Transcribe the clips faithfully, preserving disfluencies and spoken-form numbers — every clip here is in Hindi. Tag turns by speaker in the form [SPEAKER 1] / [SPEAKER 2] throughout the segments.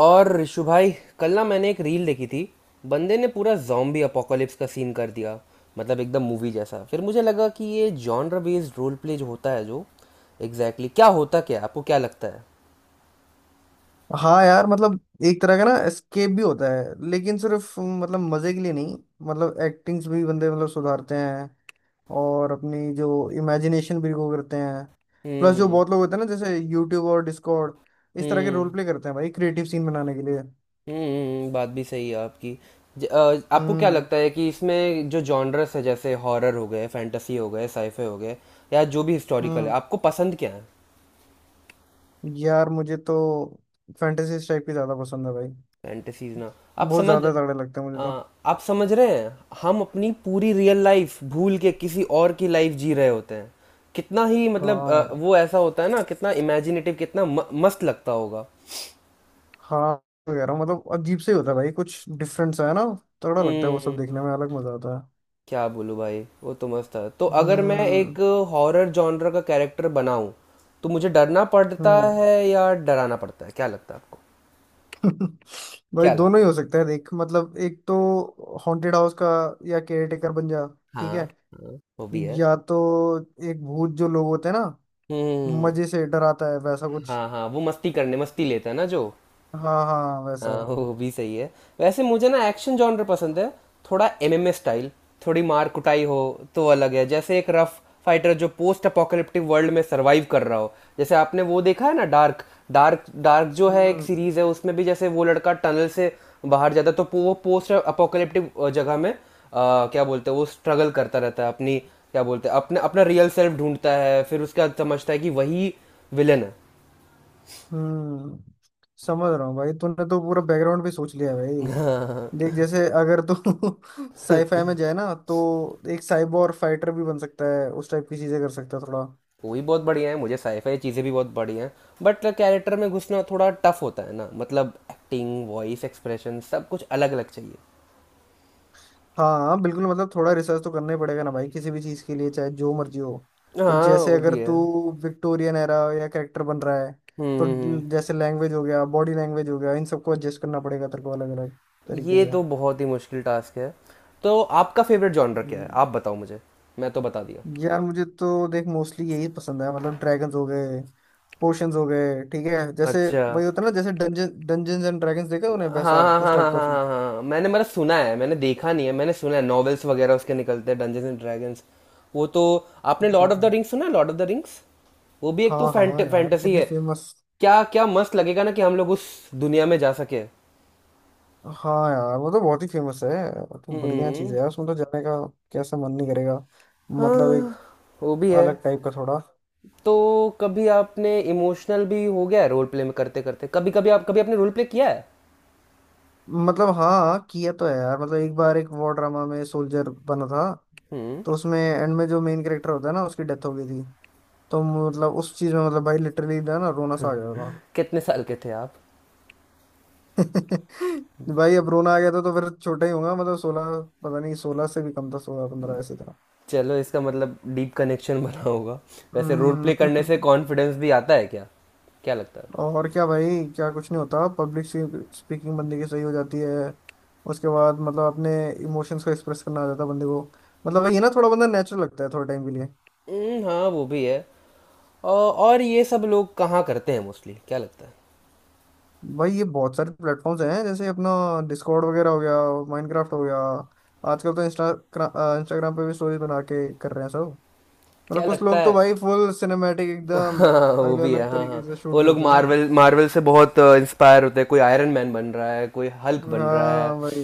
[SPEAKER 1] और ऋषु भाई, कल ना मैंने एक रील देखी थी। बंदे ने पूरा जॉम्बी अपोकोलिप्स का सीन कर दिया। मतलब एकदम मूवी जैसा। फिर मुझे लगा कि ये जॉनर बेस्ड रोल प्ले जो होता है, जो एग्जैक्टली exactly, क्या होता क्या है? आपको क्या लगता है?
[SPEAKER 2] हाँ यार मतलब एक तरह का ना एस्केप भी होता है लेकिन सिर्फ मतलब मजे के लिए नहीं। मतलब एक्टिंग्स भी बंदे मतलब सुधारते हैं और अपनी जो इमेजिनेशन भी वो करते हैं। प्लस जो
[SPEAKER 1] हम्म,
[SPEAKER 2] बहुत लोग होते हैं ना जैसे यूट्यूब और डिस्कॉर्ड इस तरह के रोल
[SPEAKER 1] हम्म,
[SPEAKER 2] प्ले करते हैं भाई क्रिएटिव सीन बनाने के लिए।
[SPEAKER 1] हम्म। बात भी सही है आपकी। ज, अ, आपको क्या
[SPEAKER 2] हम्म।
[SPEAKER 1] लगता है कि इसमें जो जॉनरस है, जैसे हॉरर हो गए, फैंटेसी हो गए, साइफे हो गए या जो भी हिस्टोरिकल है,
[SPEAKER 2] हम्म।
[SPEAKER 1] आपको पसंद क्या है?
[SPEAKER 2] यार मुझे तो फैंटेसी टाइप की ज्यादा पसंद है भाई।
[SPEAKER 1] फैंटेसीज ना। आप
[SPEAKER 2] बहुत
[SPEAKER 1] समझ
[SPEAKER 2] ज्यादा तगड़े लगते हैं मुझे तो।
[SPEAKER 1] अ, आप समझ रहे हैं, हम अपनी पूरी रियल लाइफ भूल के किसी और की लाइफ जी रहे होते हैं। कितना ही मतलब
[SPEAKER 2] हाँ
[SPEAKER 1] अ,
[SPEAKER 2] यार।
[SPEAKER 1] वो ऐसा होता है ना, कितना इमेजिनेटिव, कितना म, मस्त लगता होगा।
[SPEAKER 2] हाँ। तो कह रहा हूँ मतलब अजीब से ही होता है भाई कुछ डिफरेंस है ना। तगड़ा लगता है वो सब देखने
[SPEAKER 1] हम्म।
[SPEAKER 2] में अलग मजा आता है।
[SPEAKER 1] क्या बोलूं भाई, वो तो मस्त है। तो अगर मैं
[SPEAKER 2] हम्म।
[SPEAKER 1] एक हॉरर जॉनर का कैरेक्टर बनाऊं, तो मुझे डरना पड़ता
[SPEAKER 2] हम्म।
[SPEAKER 1] है या डराना पड़ता है, क्या लगता है आपको?
[SPEAKER 2] भाई
[SPEAKER 1] क्या
[SPEAKER 2] दोनों
[SPEAKER 1] लगता
[SPEAKER 2] ही हो सकता है देख मतलब एक तो हॉन्टेड हाउस का या केयरटेकर बन जा
[SPEAKER 1] है?
[SPEAKER 2] ठीक
[SPEAKER 1] हाँ,
[SPEAKER 2] है।
[SPEAKER 1] हाँ, वो भी है।
[SPEAKER 2] या तो एक भूत जो लोग होते हैं ना
[SPEAKER 1] हम्म।
[SPEAKER 2] मजे से डराता है वैसा कुछ।
[SPEAKER 1] हाँ हाँ, वो मस्ती करने, मस्ती लेता है ना जो।
[SPEAKER 2] हाँ हाँ वैसा।
[SPEAKER 1] हाँ, वो भी सही है। वैसे मुझे ना एक्शन जॉनर पसंद है, थोड़ा एमएमए स्टाइल, थोड़ी मार कुटाई हो तो अलग है। जैसे एक रफ फाइटर जो पोस्ट अपोकैलिप्टिक वर्ल्ड में सरवाइव कर रहा हो। जैसे आपने वो देखा है ना, डार्क, डार्क। डार्क जो है एक
[SPEAKER 2] हम्म।
[SPEAKER 1] सीरीज है, उसमें भी जैसे वो लड़का टनल से बाहर जाता है, तो पो- वो पोस्ट अपोकैलिप्टिक जगह में, आ, क्या बोलते हैं, वो स्ट्रगल करता रहता है अपनी, क्या बोलते हैं, अपने अपना रियल सेल्फ ढूंढता है। फिर उसके बाद समझता है कि वही विलन
[SPEAKER 2] हम्म। समझ रहा हूँ भाई तूने तो पूरा बैकग्राउंड भी सोच लिया है भाई।
[SPEAKER 1] है।
[SPEAKER 2] देख जैसे अगर तो साईफाई में जाए ना तो एक साइबोर फाइटर भी बन सकता है उस टाइप की चीजें कर सकता है थोड़ा।
[SPEAKER 1] वो भी बहुत बढ़िया है, मुझे साईफाई चीज़ें भी बहुत बढ़िया हैं। बट कैरेक्टर में घुसना थोड़ा टफ होता है ना, मतलब एक्टिंग, वॉइस, एक्सप्रेशन, सब कुछ अलग अलग चाहिए।
[SPEAKER 2] हाँ बिल्कुल मतलब थोड़ा रिसर्च तो करना ही पड़ेगा ना भाई किसी भी चीज़ के लिए चाहे जो मर्जी हो। तो
[SPEAKER 1] हाँ,
[SPEAKER 2] जैसे
[SPEAKER 1] वो
[SPEAKER 2] अगर
[SPEAKER 1] भी है।
[SPEAKER 2] तू
[SPEAKER 1] हम्म,
[SPEAKER 2] विक्टोरियन एरा या कैरेक्टर बन रहा है तो
[SPEAKER 1] हम्म,
[SPEAKER 2] ड- जैसे लैंग्वेज हो गया बॉडी लैंग्वेज हो गया इन सबको एडजस्ट करना पड़ेगा तेरे को अलग अलग
[SPEAKER 1] हम्म।
[SPEAKER 2] तरीके
[SPEAKER 1] ये
[SPEAKER 2] से।
[SPEAKER 1] तो बहुत ही मुश्किल टास्क है। तो आपका फेवरेट जॉनर क्या है,
[SPEAKER 2] हम्म।
[SPEAKER 1] आप बताओ मुझे। मैं तो बता दिया।
[SPEAKER 2] यार मुझे तो देख मोस्टली यही पसंद है मतलब ड्रैगन्स हो गए पोशंस हो गए ठीक है जैसे
[SPEAKER 1] अच्छा।
[SPEAKER 2] वही होता है ना जैसे डंजन डंजन्स एंड ड्रैगन्स देखा उन्हें
[SPEAKER 1] हाँ,
[SPEAKER 2] वैसा
[SPEAKER 1] हाँ,
[SPEAKER 2] उस
[SPEAKER 1] हाँ,
[SPEAKER 2] टाइप
[SPEAKER 1] हाँ,
[SPEAKER 2] का feel।
[SPEAKER 1] हाँ, हाँ, हाँ। मैंने मतलब सुना है, मैंने देखा नहीं है, मैंने सुना है, नॉवेल्स वगैरह उसके निकलते हैं, डंजन्स एंड ड्रैगन्स। वो तो, आपने लॉर्ड ऑफ द
[SPEAKER 2] हाँ
[SPEAKER 1] रिंग्स सुना है? लॉर्ड ऑफ द रिंग्स वो भी एक तो
[SPEAKER 2] हाँ
[SPEAKER 1] फैंट
[SPEAKER 2] हाँ यार
[SPEAKER 1] फैंटेसी
[SPEAKER 2] कितने
[SPEAKER 1] है।
[SPEAKER 2] फेमस।
[SPEAKER 1] क्या क्या मस्त लगेगा ना कि हम लोग उस दुनिया में जा सके।
[SPEAKER 2] हाँ यार वो तो बहुत ही फेमस है। वो तो बढ़िया चीज
[SPEAKER 1] हम्म।
[SPEAKER 2] है यार उसमें तो जाने का कैसा मन नहीं करेगा। मतलब एक
[SPEAKER 1] हाँ, वो भी है।
[SPEAKER 2] अलग टाइप का थोड़ा।
[SPEAKER 1] तो कभी आपने इमोशनल भी हो गया है रोल प्ले में करते करते? कभी कभी आप, कभी आपने रोल प्ले किया है?
[SPEAKER 2] मतलब हाँ किया तो है यार मतलब एक बार एक वॉर ड्रामा में सोल्जर बना था
[SPEAKER 1] हम्म।
[SPEAKER 2] तो उसमें एंड में जो मेन कैरेक्टर होता है ना उसकी डेथ हो गई थी। तो मतलब उस चीज में मतलब भाई लिटरली ना ना रोना सा आ गया था।
[SPEAKER 1] कितने साल के थे आप?
[SPEAKER 2] भाई अब रोना आ गया था तो फिर छोटा ही होगा मतलब सोलह पता नहीं सोलह से भी कम था सोलह पंद्रह ऐसे था।
[SPEAKER 1] चलो, इसका मतलब डीप कनेक्शन बना होगा। वैसे रोल
[SPEAKER 2] हम्म।
[SPEAKER 1] प्ले करने से कॉन्फिडेंस भी आता है क्या, क्या लगता है?
[SPEAKER 2] और क्या भाई क्या कुछ नहीं होता पब्लिक स्पीकिंग बंदे की सही हो जाती है। उसके बाद मतलब अपने इमोशंस को एक्सप्रेस करना आ जाता है बंदे को। मतलब ये ना थोड़ा बंदा नेचुरल लगता है थोड़े टाइम के लिए।
[SPEAKER 1] हम्म, हाँ, वो भी है। अ, और ये सब लोग कहाँ करते हैं मोस्टली, क्या लगता है?
[SPEAKER 2] भाई ये बहुत सारे प्लेटफॉर्म्स हैं जैसे अपना डिस्कॉर्ड वगैरह हो गया माइनक्राफ्ट हो गया। आजकल तो इंस्टा इंस्टाग्राम पे भी स्टोरीज बना के कर रहे हैं सब।
[SPEAKER 1] क्या
[SPEAKER 2] मतलब कुछ
[SPEAKER 1] लगता
[SPEAKER 2] लोग
[SPEAKER 1] है?
[SPEAKER 2] तो भाई फुल सिनेमैटिक एकदम
[SPEAKER 1] हाँ, वो
[SPEAKER 2] अलग
[SPEAKER 1] भी है।
[SPEAKER 2] अलग
[SPEAKER 1] हाँ, हाँ।
[SPEAKER 2] तरीके से शूट
[SPEAKER 1] वो लोग
[SPEAKER 2] करते हैं।
[SPEAKER 1] मार्वल, मार्वल से बहुत इंस्पायर होते हैं। कोई आयरन मैन बन रहा है, कोई हल्क बन रहा है।
[SPEAKER 2] हाँ भाई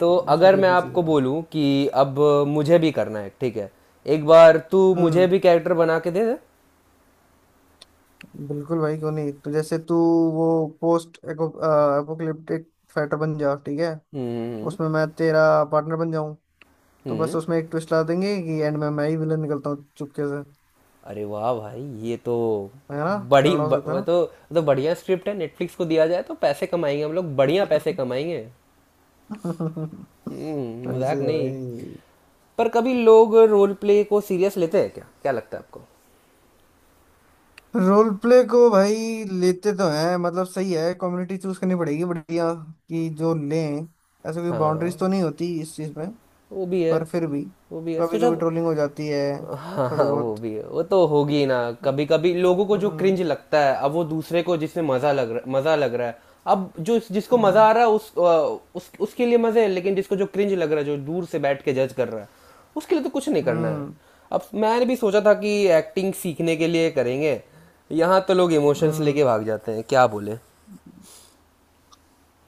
[SPEAKER 1] तो
[SPEAKER 2] उसी
[SPEAKER 1] अगर
[SPEAKER 2] टाइप
[SPEAKER 1] मैं
[SPEAKER 2] की चीज़
[SPEAKER 1] आपको
[SPEAKER 2] है।
[SPEAKER 1] बोलूं कि अब मुझे भी करना है, ठीक है, एक बार तू मुझे
[SPEAKER 2] हम्म।
[SPEAKER 1] भी कैरेक्टर बना के दे दे।
[SPEAKER 2] बिल्कुल भाई क्यों नहीं तो जैसे तू वो पोस्ट एपोकलिप्टिक फाइटर बन जा ठीक है।
[SPEAKER 1] हम्म,
[SPEAKER 2] उसमें मैं तेरा पार्टनर बन जाऊं। तो बस
[SPEAKER 1] हम्म।
[SPEAKER 2] उसमें एक ट्विस्ट ला देंगे कि एंड में मैं ही विलन निकलता हूँ चुपके से
[SPEAKER 1] अरे वाह भाई, ये तो
[SPEAKER 2] है ना।
[SPEAKER 1] बड़ी
[SPEAKER 2] तगड़ा हो
[SPEAKER 1] ब,
[SPEAKER 2] सकता है
[SPEAKER 1] वो
[SPEAKER 2] ना।
[SPEAKER 1] तो, वो तो बढ़िया स्क्रिप्ट है। नेटफ्लिक्स को दिया जाए तो पैसे कमाएंगे हम लोग, बढ़िया पैसे कमाएंगे। हम्म,
[SPEAKER 2] ऐसे
[SPEAKER 1] मजाक
[SPEAKER 2] ही है
[SPEAKER 1] नहीं।
[SPEAKER 2] भाई।
[SPEAKER 1] पर कभी लोग रोल प्ले को सीरियस लेते हैं क्या, क्या लगता है आपको?
[SPEAKER 2] रोल प्ले को भाई लेते तो हैं मतलब सही है कम्युनिटी चूज करनी पड़ेगी बढ़िया कि जो लें। ऐसे कोई बाउंड्रीज
[SPEAKER 1] हाँ,
[SPEAKER 2] तो नहीं होती इस चीज में।
[SPEAKER 1] वो भी है।
[SPEAKER 2] पर फिर भी
[SPEAKER 1] वो भी है
[SPEAKER 2] कभी
[SPEAKER 1] सोचा।
[SPEAKER 2] कभी ट्रोलिंग हो जाती है
[SPEAKER 1] हाँ,
[SPEAKER 2] थोड़ी
[SPEAKER 1] हाँ, वो
[SPEAKER 2] बहुत।
[SPEAKER 1] भी है। वो तो होगी ना। कभी कभी लोगों को जो
[SPEAKER 2] हम्म।
[SPEAKER 1] क्रिंज लगता है, अब वो दूसरे को जिसमें मजा लग रहा मजा लग रहा है। अब जो जिसको मजा
[SPEAKER 2] हम्म।
[SPEAKER 1] आ रहा है, उस, अ, उस उसके लिए मजे है, लेकिन जिसको जो क्रिंज लग रहा है, जो दूर से बैठ के जज कर रहा है, उसके लिए तो कुछ नहीं करना है।
[SPEAKER 2] हम्म।
[SPEAKER 1] अब मैंने भी सोचा था कि एक्टिंग सीखने के लिए करेंगे, यहाँ तो लोग इमोशंस
[SPEAKER 2] हम्म।
[SPEAKER 1] लेके भाग जाते हैं, क्या बोले।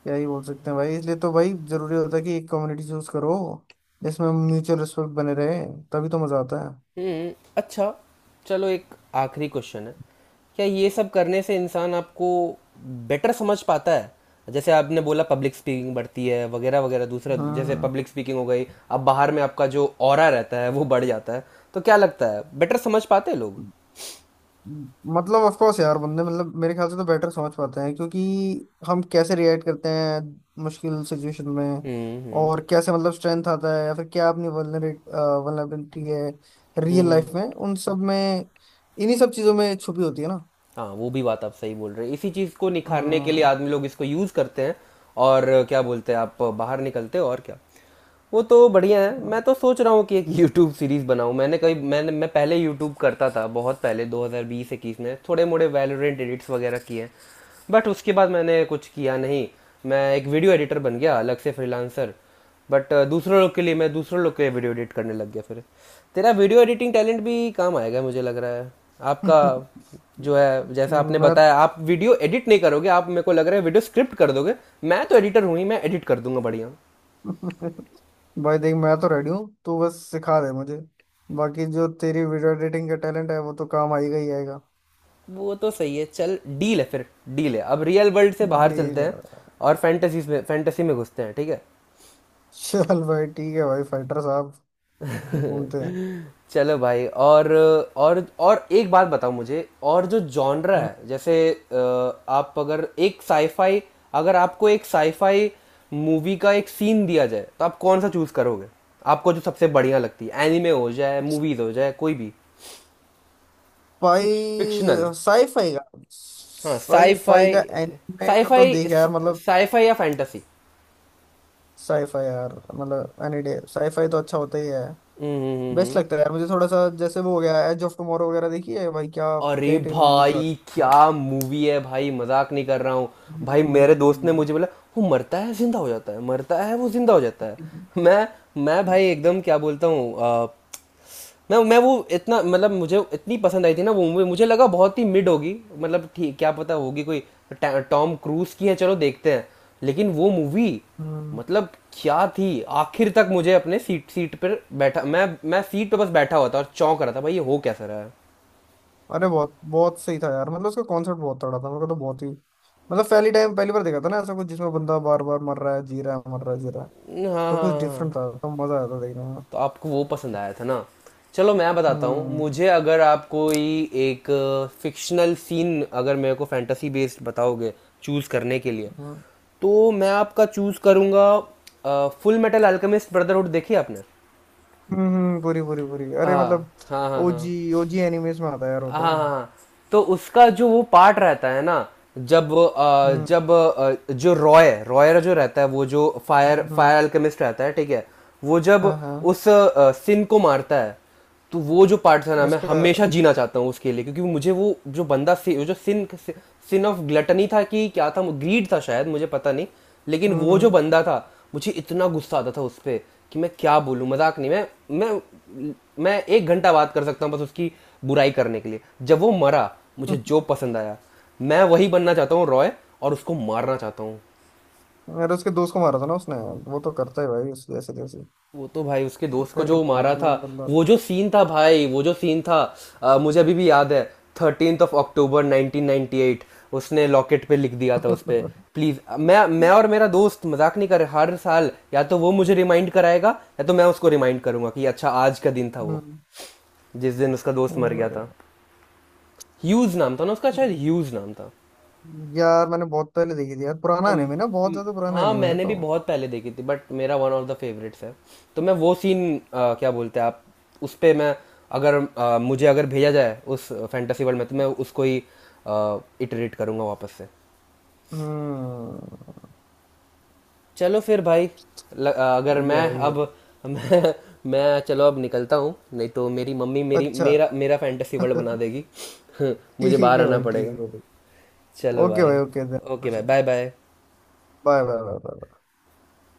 [SPEAKER 2] क्या ही बोल सकते हैं भाई इसलिए तो भाई जरूरी होता है कि एक कम्युनिटी चूज करो जिसमें म्यूचुअल रिस्पेक्ट बने रहे तभी तो मजा आता है।
[SPEAKER 1] हुँ, अच्छा, चलो एक आखिरी क्वेश्चन है। क्या ये सब करने से इंसान आपको बेटर समझ पाता है? जैसे आपने बोला पब्लिक स्पीकिंग बढ़ती है वगैरह वगैरह। दूसरा, जैसे
[SPEAKER 2] हाँ।
[SPEAKER 1] पब्लिक स्पीकिंग हो गई, अब बाहर में आपका जो ऑरा रहता है, वो बढ़ जाता है। तो क्या लगता है, बेटर समझ पाते हैं लोग?
[SPEAKER 2] मतलब ऑफ कोर्स यार बंदे मतलब मेरे ख्याल से तो बेटर समझ पाते हैं क्योंकि हम कैसे रिएक्ट करते हैं मुश्किल सिचुएशन में
[SPEAKER 1] हम्म, हम्म,
[SPEAKER 2] और कैसे मतलब स्ट्रेंथ आता है या फिर क्या अपनी वल्नरेट वल्नरेबिलिटी है रियल
[SPEAKER 1] हम्म।
[SPEAKER 2] लाइफ में उन सब में इन्हीं सब चीजों में छुपी होती है ना।
[SPEAKER 1] हाँ, वो भी बात आप सही बोल रहे हैं, इसी चीज़ को निखारने के लिए
[SPEAKER 2] हाँ
[SPEAKER 1] आदमी लोग इसको यूज़ करते हैं। और क्या बोलते हैं आप, बाहर निकलते हो और क्या। वो तो बढ़िया है। मैं
[SPEAKER 2] हाँ।
[SPEAKER 1] तो सोच रहा हूँ कि एक यूट्यूब सीरीज़ बनाऊँ। मैंने कभी मैंने मैं पहले यूट्यूब करता था, बहुत पहले ट्वेंटी ट्वेंटी-ट्वेंटी वन में, थोड़े मोड़े वैलोरेंट एडिट्स वगैरह किए हैं। बट उसके बाद मैंने कुछ किया नहीं। मैं एक वीडियो एडिटर बन गया अलग से, फ्रीलांसर। बट दूसरों लोग के लिए मैं दूसरों लोग के लिए वीडियो एडिट करने लग गया फिर। तेरा वीडियो एडिटिंग टैलेंट भी काम आएगा, मुझे लग रहा है। आपका जो है, जैसा आपने
[SPEAKER 2] मैं
[SPEAKER 1] बताया, आप वीडियो एडिट नहीं करोगे, आप, मेरे को लग रहा है, वीडियो स्क्रिप्ट कर दोगे। मैं तो एडिटर हूँ ही, मैं एडिट कर दूंगा, बढ़िया।
[SPEAKER 2] भाई देख मैं तो रेडी हूँ तू बस सिखा दे मुझे। बाकी जो तेरी वीडियो एडिटिंग का टैलेंट है वो तो काम आएगा ही आएगा।
[SPEAKER 1] वो तो सही है, चल डील है फिर। डील है, अब रियल वर्ल्ड से बाहर
[SPEAKER 2] डील
[SPEAKER 1] चलते हैं
[SPEAKER 2] है।
[SPEAKER 1] और फैंटेसी में, फैंटेसी में घुसते हैं, ठीक है।
[SPEAKER 2] चल भाई ठीक है भाई फाइटर साहब घूमते हैं।
[SPEAKER 1] चलो भाई, और और और एक बात बताओ मुझे। और जो जॉनरा है,
[SPEAKER 2] हम्म।
[SPEAKER 1] जैसे अ, आप अगर एक साईफाई, अगर आपको एक साईफाई मूवी का एक सीन दिया जाए, तो आप कौन सा चूज करोगे? आपको जो सबसे बढ़िया लगती है, एनिमे हो जाए, मूवीज हो जाए, कोई भी फिक्शनल।
[SPEAKER 2] भाई साईफाई का
[SPEAKER 1] हाँ,
[SPEAKER 2] साईफाई
[SPEAKER 1] साईफाई,
[SPEAKER 2] का एनिमे का तो
[SPEAKER 1] साईफाई,
[SPEAKER 2] देख यार मतलब।
[SPEAKER 1] साईफाई या फैंटेसी।
[SPEAKER 2] साईफाई यार मतलब एनी डे साईफाई तो अच्छा होता ही है।
[SPEAKER 1] हम्म, हम्म, हम्म,
[SPEAKER 2] बेस्ट
[SPEAKER 1] हम्म।
[SPEAKER 2] लगता है यार मुझे थोड़ा सा जैसे वो हो गया एज ऑफ टुमारो वगैरह देखी है भाई क्या क्या
[SPEAKER 1] अरे
[SPEAKER 2] ही टेक्नोलॉजी दिखा।
[SPEAKER 1] भाई, क्या मूवी है भाई, मजाक नहीं कर रहा हूँ। भाई, मेरे दोस्त ने मुझे बोला, वो मरता है, जिंदा हो जाता है, मरता है, वो जिंदा हो जाता है।
[SPEAKER 2] हम्म।
[SPEAKER 1] मैं मैं भाई एकदम, क्या बोलता हूँ, अ, मैं मैं, वो इतना मतलब मुझे इतनी पसंद आई थी ना वो मूवी। मुझे लगा बहुत ही मिड होगी, मतलब ठीक क्या पता होगी कोई, टा- टॉम क्रूज की है, चलो देखते हैं। लेकिन वो मूवी
[SPEAKER 2] हम्म।
[SPEAKER 1] मतलब क्या थी, आखिर तक मुझे अपने सीट सीट पर बैठा, मैं मैं सीट पे बस बैठा हुआ था और चौंक रहा था, भाई ये हो कैसा रहा है।
[SPEAKER 2] अरे बहुत बहुत सही था यार मतलब उसका कॉन्सेप्ट बहुत तगड़ा था मेरे को तो बहुत ही मतलब पहली टाइम पहली बार देखा था ना ऐसा कुछ जिसमें बंदा बार बार मर रहा है जी रहा है मर रहा है जी रहा है।
[SPEAKER 1] हाँ, हाँ,
[SPEAKER 2] तो कुछ
[SPEAKER 1] हाँ। हाँ।
[SPEAKER 2] डिफरेंट था तो मजा आया था देखने में।
[SPEAKER 1] तो आपको वो पसंद आया था ना। चलो मैं बताता हूँ,
[SPEAKER 2] हम्म।
[SPEAKER 1] मुझे अगर आप कोई एक फिक्शनल सीन, अगर मेरे को फैंटेसी बेस्ड बताओगे चूज़ करने के लिए,
[SPEAKER 2] हम्म।
[SPEAKER 1] तो मैं आपका चूज़ करूँगा, फुल मेटल अल्केमिस्ट ब्रदरहुड, देखी आपने?
[SPEAKER 2] हम्म। पूरी पूरी पूरी अरे
[SPEAKER 1] हाँ,
[SPEAKER 2] मतलब
[SPEAKER 1] हाँ, हाँ, हाँ,
[SPEAKER 2] ओजी ओजी एनिमेस में आता है यार वो तो।
[SPEAKER 1] हाँ। तो उसका जो वो पार्ट रहता है ना, जब अ,
[SPEAKER 2] हम्म।
[SPEAKER 1] जब अ, जो रॉय रॉयर जो रहता है, वो जो फायर
[SPEAKER 2] हम्म।
[SPEAKER 1] फायर अल्केमिस्ट रहता है, ठीक है, वो जब
[SPEAKER 2] हाँ हाँ
[SPEAKER 1] उस अ, सिन को मारता है, तो वो जो पार्ट था ना, मैं
[SPEAKER 2] उसका।
[SPEAKER 1] हमेशा जीना चाहता हूँ उसके लिए। क्योंकि मुझे वो जो बंदा, सि, वो जो सिन सिन ऑफ ग्लटनी था कि क्या था, ग्रीड था शायद, मुझे पता नहीं, लेकिन
[SPEAKER 2] हम्म।
[SPEAKER 1] वो जो
[SPEAKER 2] हम्म।
[SPEAKER 1] बंदा था, मुझे इतना गुस्सा आता था उस पर कि मैं क्या बोलूँ, मजाक नहीं। मैं मैं मैं एक घंटा बात कर सकता हूँ बस उसकी बुराई करने के लिए। जब वो मरा, मुझे जो पसंद आया, मैं वही बनना चाहता हूँ, रॉय, और उसको मारना चाहता हूँ।
[SPEAKER 2] अरे उसके दोस्त को मारा था ना उसने। वो तो करता है भाई उस जैसे तैसे
[SPEAKER 1] वो तो भाई, उसके दोस्त को
[SPEAKER 2] कर ही
[SPEAKER 1] जो
[SPEAKER 2] लेता है
[SPEAKER 1] मारा
[SPEAKER 2] उसने
[SPEAKER 1] था,
[SPEAKER 2] बंदा।
[SPEAKER 1] वो जो सीन था भाई, वो जो सीन था, अ, मुझे अभी भी याद है, thirteenth of October nineteen ninety eight, उसने लॉकेट पे लिख दिया था उस पे। प्लीज़, मैं मैं और मेरा दोस्त, मजाक नहीं कर रहे, हर साल या तो वो मुझे रिमाइंड कराएगा या तो मैं उसको रिमाइंड करूंगा कि अच्छा आज का दिन था वो,
[SPEAKER 2] हम्म।
[SPEAKER 1] जिस दिन उसका दोस्त मर गया
[SPEAKER 2] और-
[SPEAKER 1] था। ह्यूज नाम था ना उसका, शायद ह्यूज नाम था।
[SPEAKER 2] यार मैंने बहुत पहले देखी थी यार पुराना
[SPEAKER 1] अम,
[SPEAKER 2] एनिमे ना बहुत
[SPEAKER 1] म-
[SPEAKER 2] ज्यादा पुराना
[SPEAKER 1] हाँ,
[SPEAKER 2] एनिमे है
[SPEAKER 1] मैंने भी
[SPEAKER 2] तो।
[SPEAKER 1] बहुत पहले देखी थी, बट मेरा वन ऑफ द फेवरेट्स है। तो मैं वो सीन, क्या बोलते हैं आप, उस पे मैं, अगर अ, मुझे अगर भेजा जाए उस फैंटेसी वर्ल्ड में, तो मैं उसको ही इटरेट करूँगा वापस से।
[SPEAKER 2] हम्म।
[SPEAKER 1] चलो फिर भाई। ल, अ, अगर
[SPEAKER 2] सही है
[SPEAKER 1] मैं
[SPEAKER 2] भाई ये
[SPEAKER 1] अब,
[SPEAKER 2] तो।
[SPEAKER 1] मैं मैं, चलो अब निकलता हूँ, नहीं तो मेरी मम्मी मेरी
[SPEAKER 2] अच्छा।
[SPEAKER 1] मेरा मेरा फैंटेसी वर्ल्ड बना देगी। मुझे
[SPEAKER 2] ठीक
[SPEAKER 1] बाहर
[SPEAKER 2] है
[SPEAKER 1] आना
[SPEAKER 2] भाई
[SPEAKER 1] पड़ेगा।
[SPEAKER 2] ठीक है भाई।
[SPEAKER 1] चलो
[SPEAKER 2] ओके
[SPEAKER 1] भाई।
[SPEAKER 2] भाई ओके बाय
[SPEAKER 1] ओके भाई, bye bye.
[SPEAKER 2] Bye bye bye.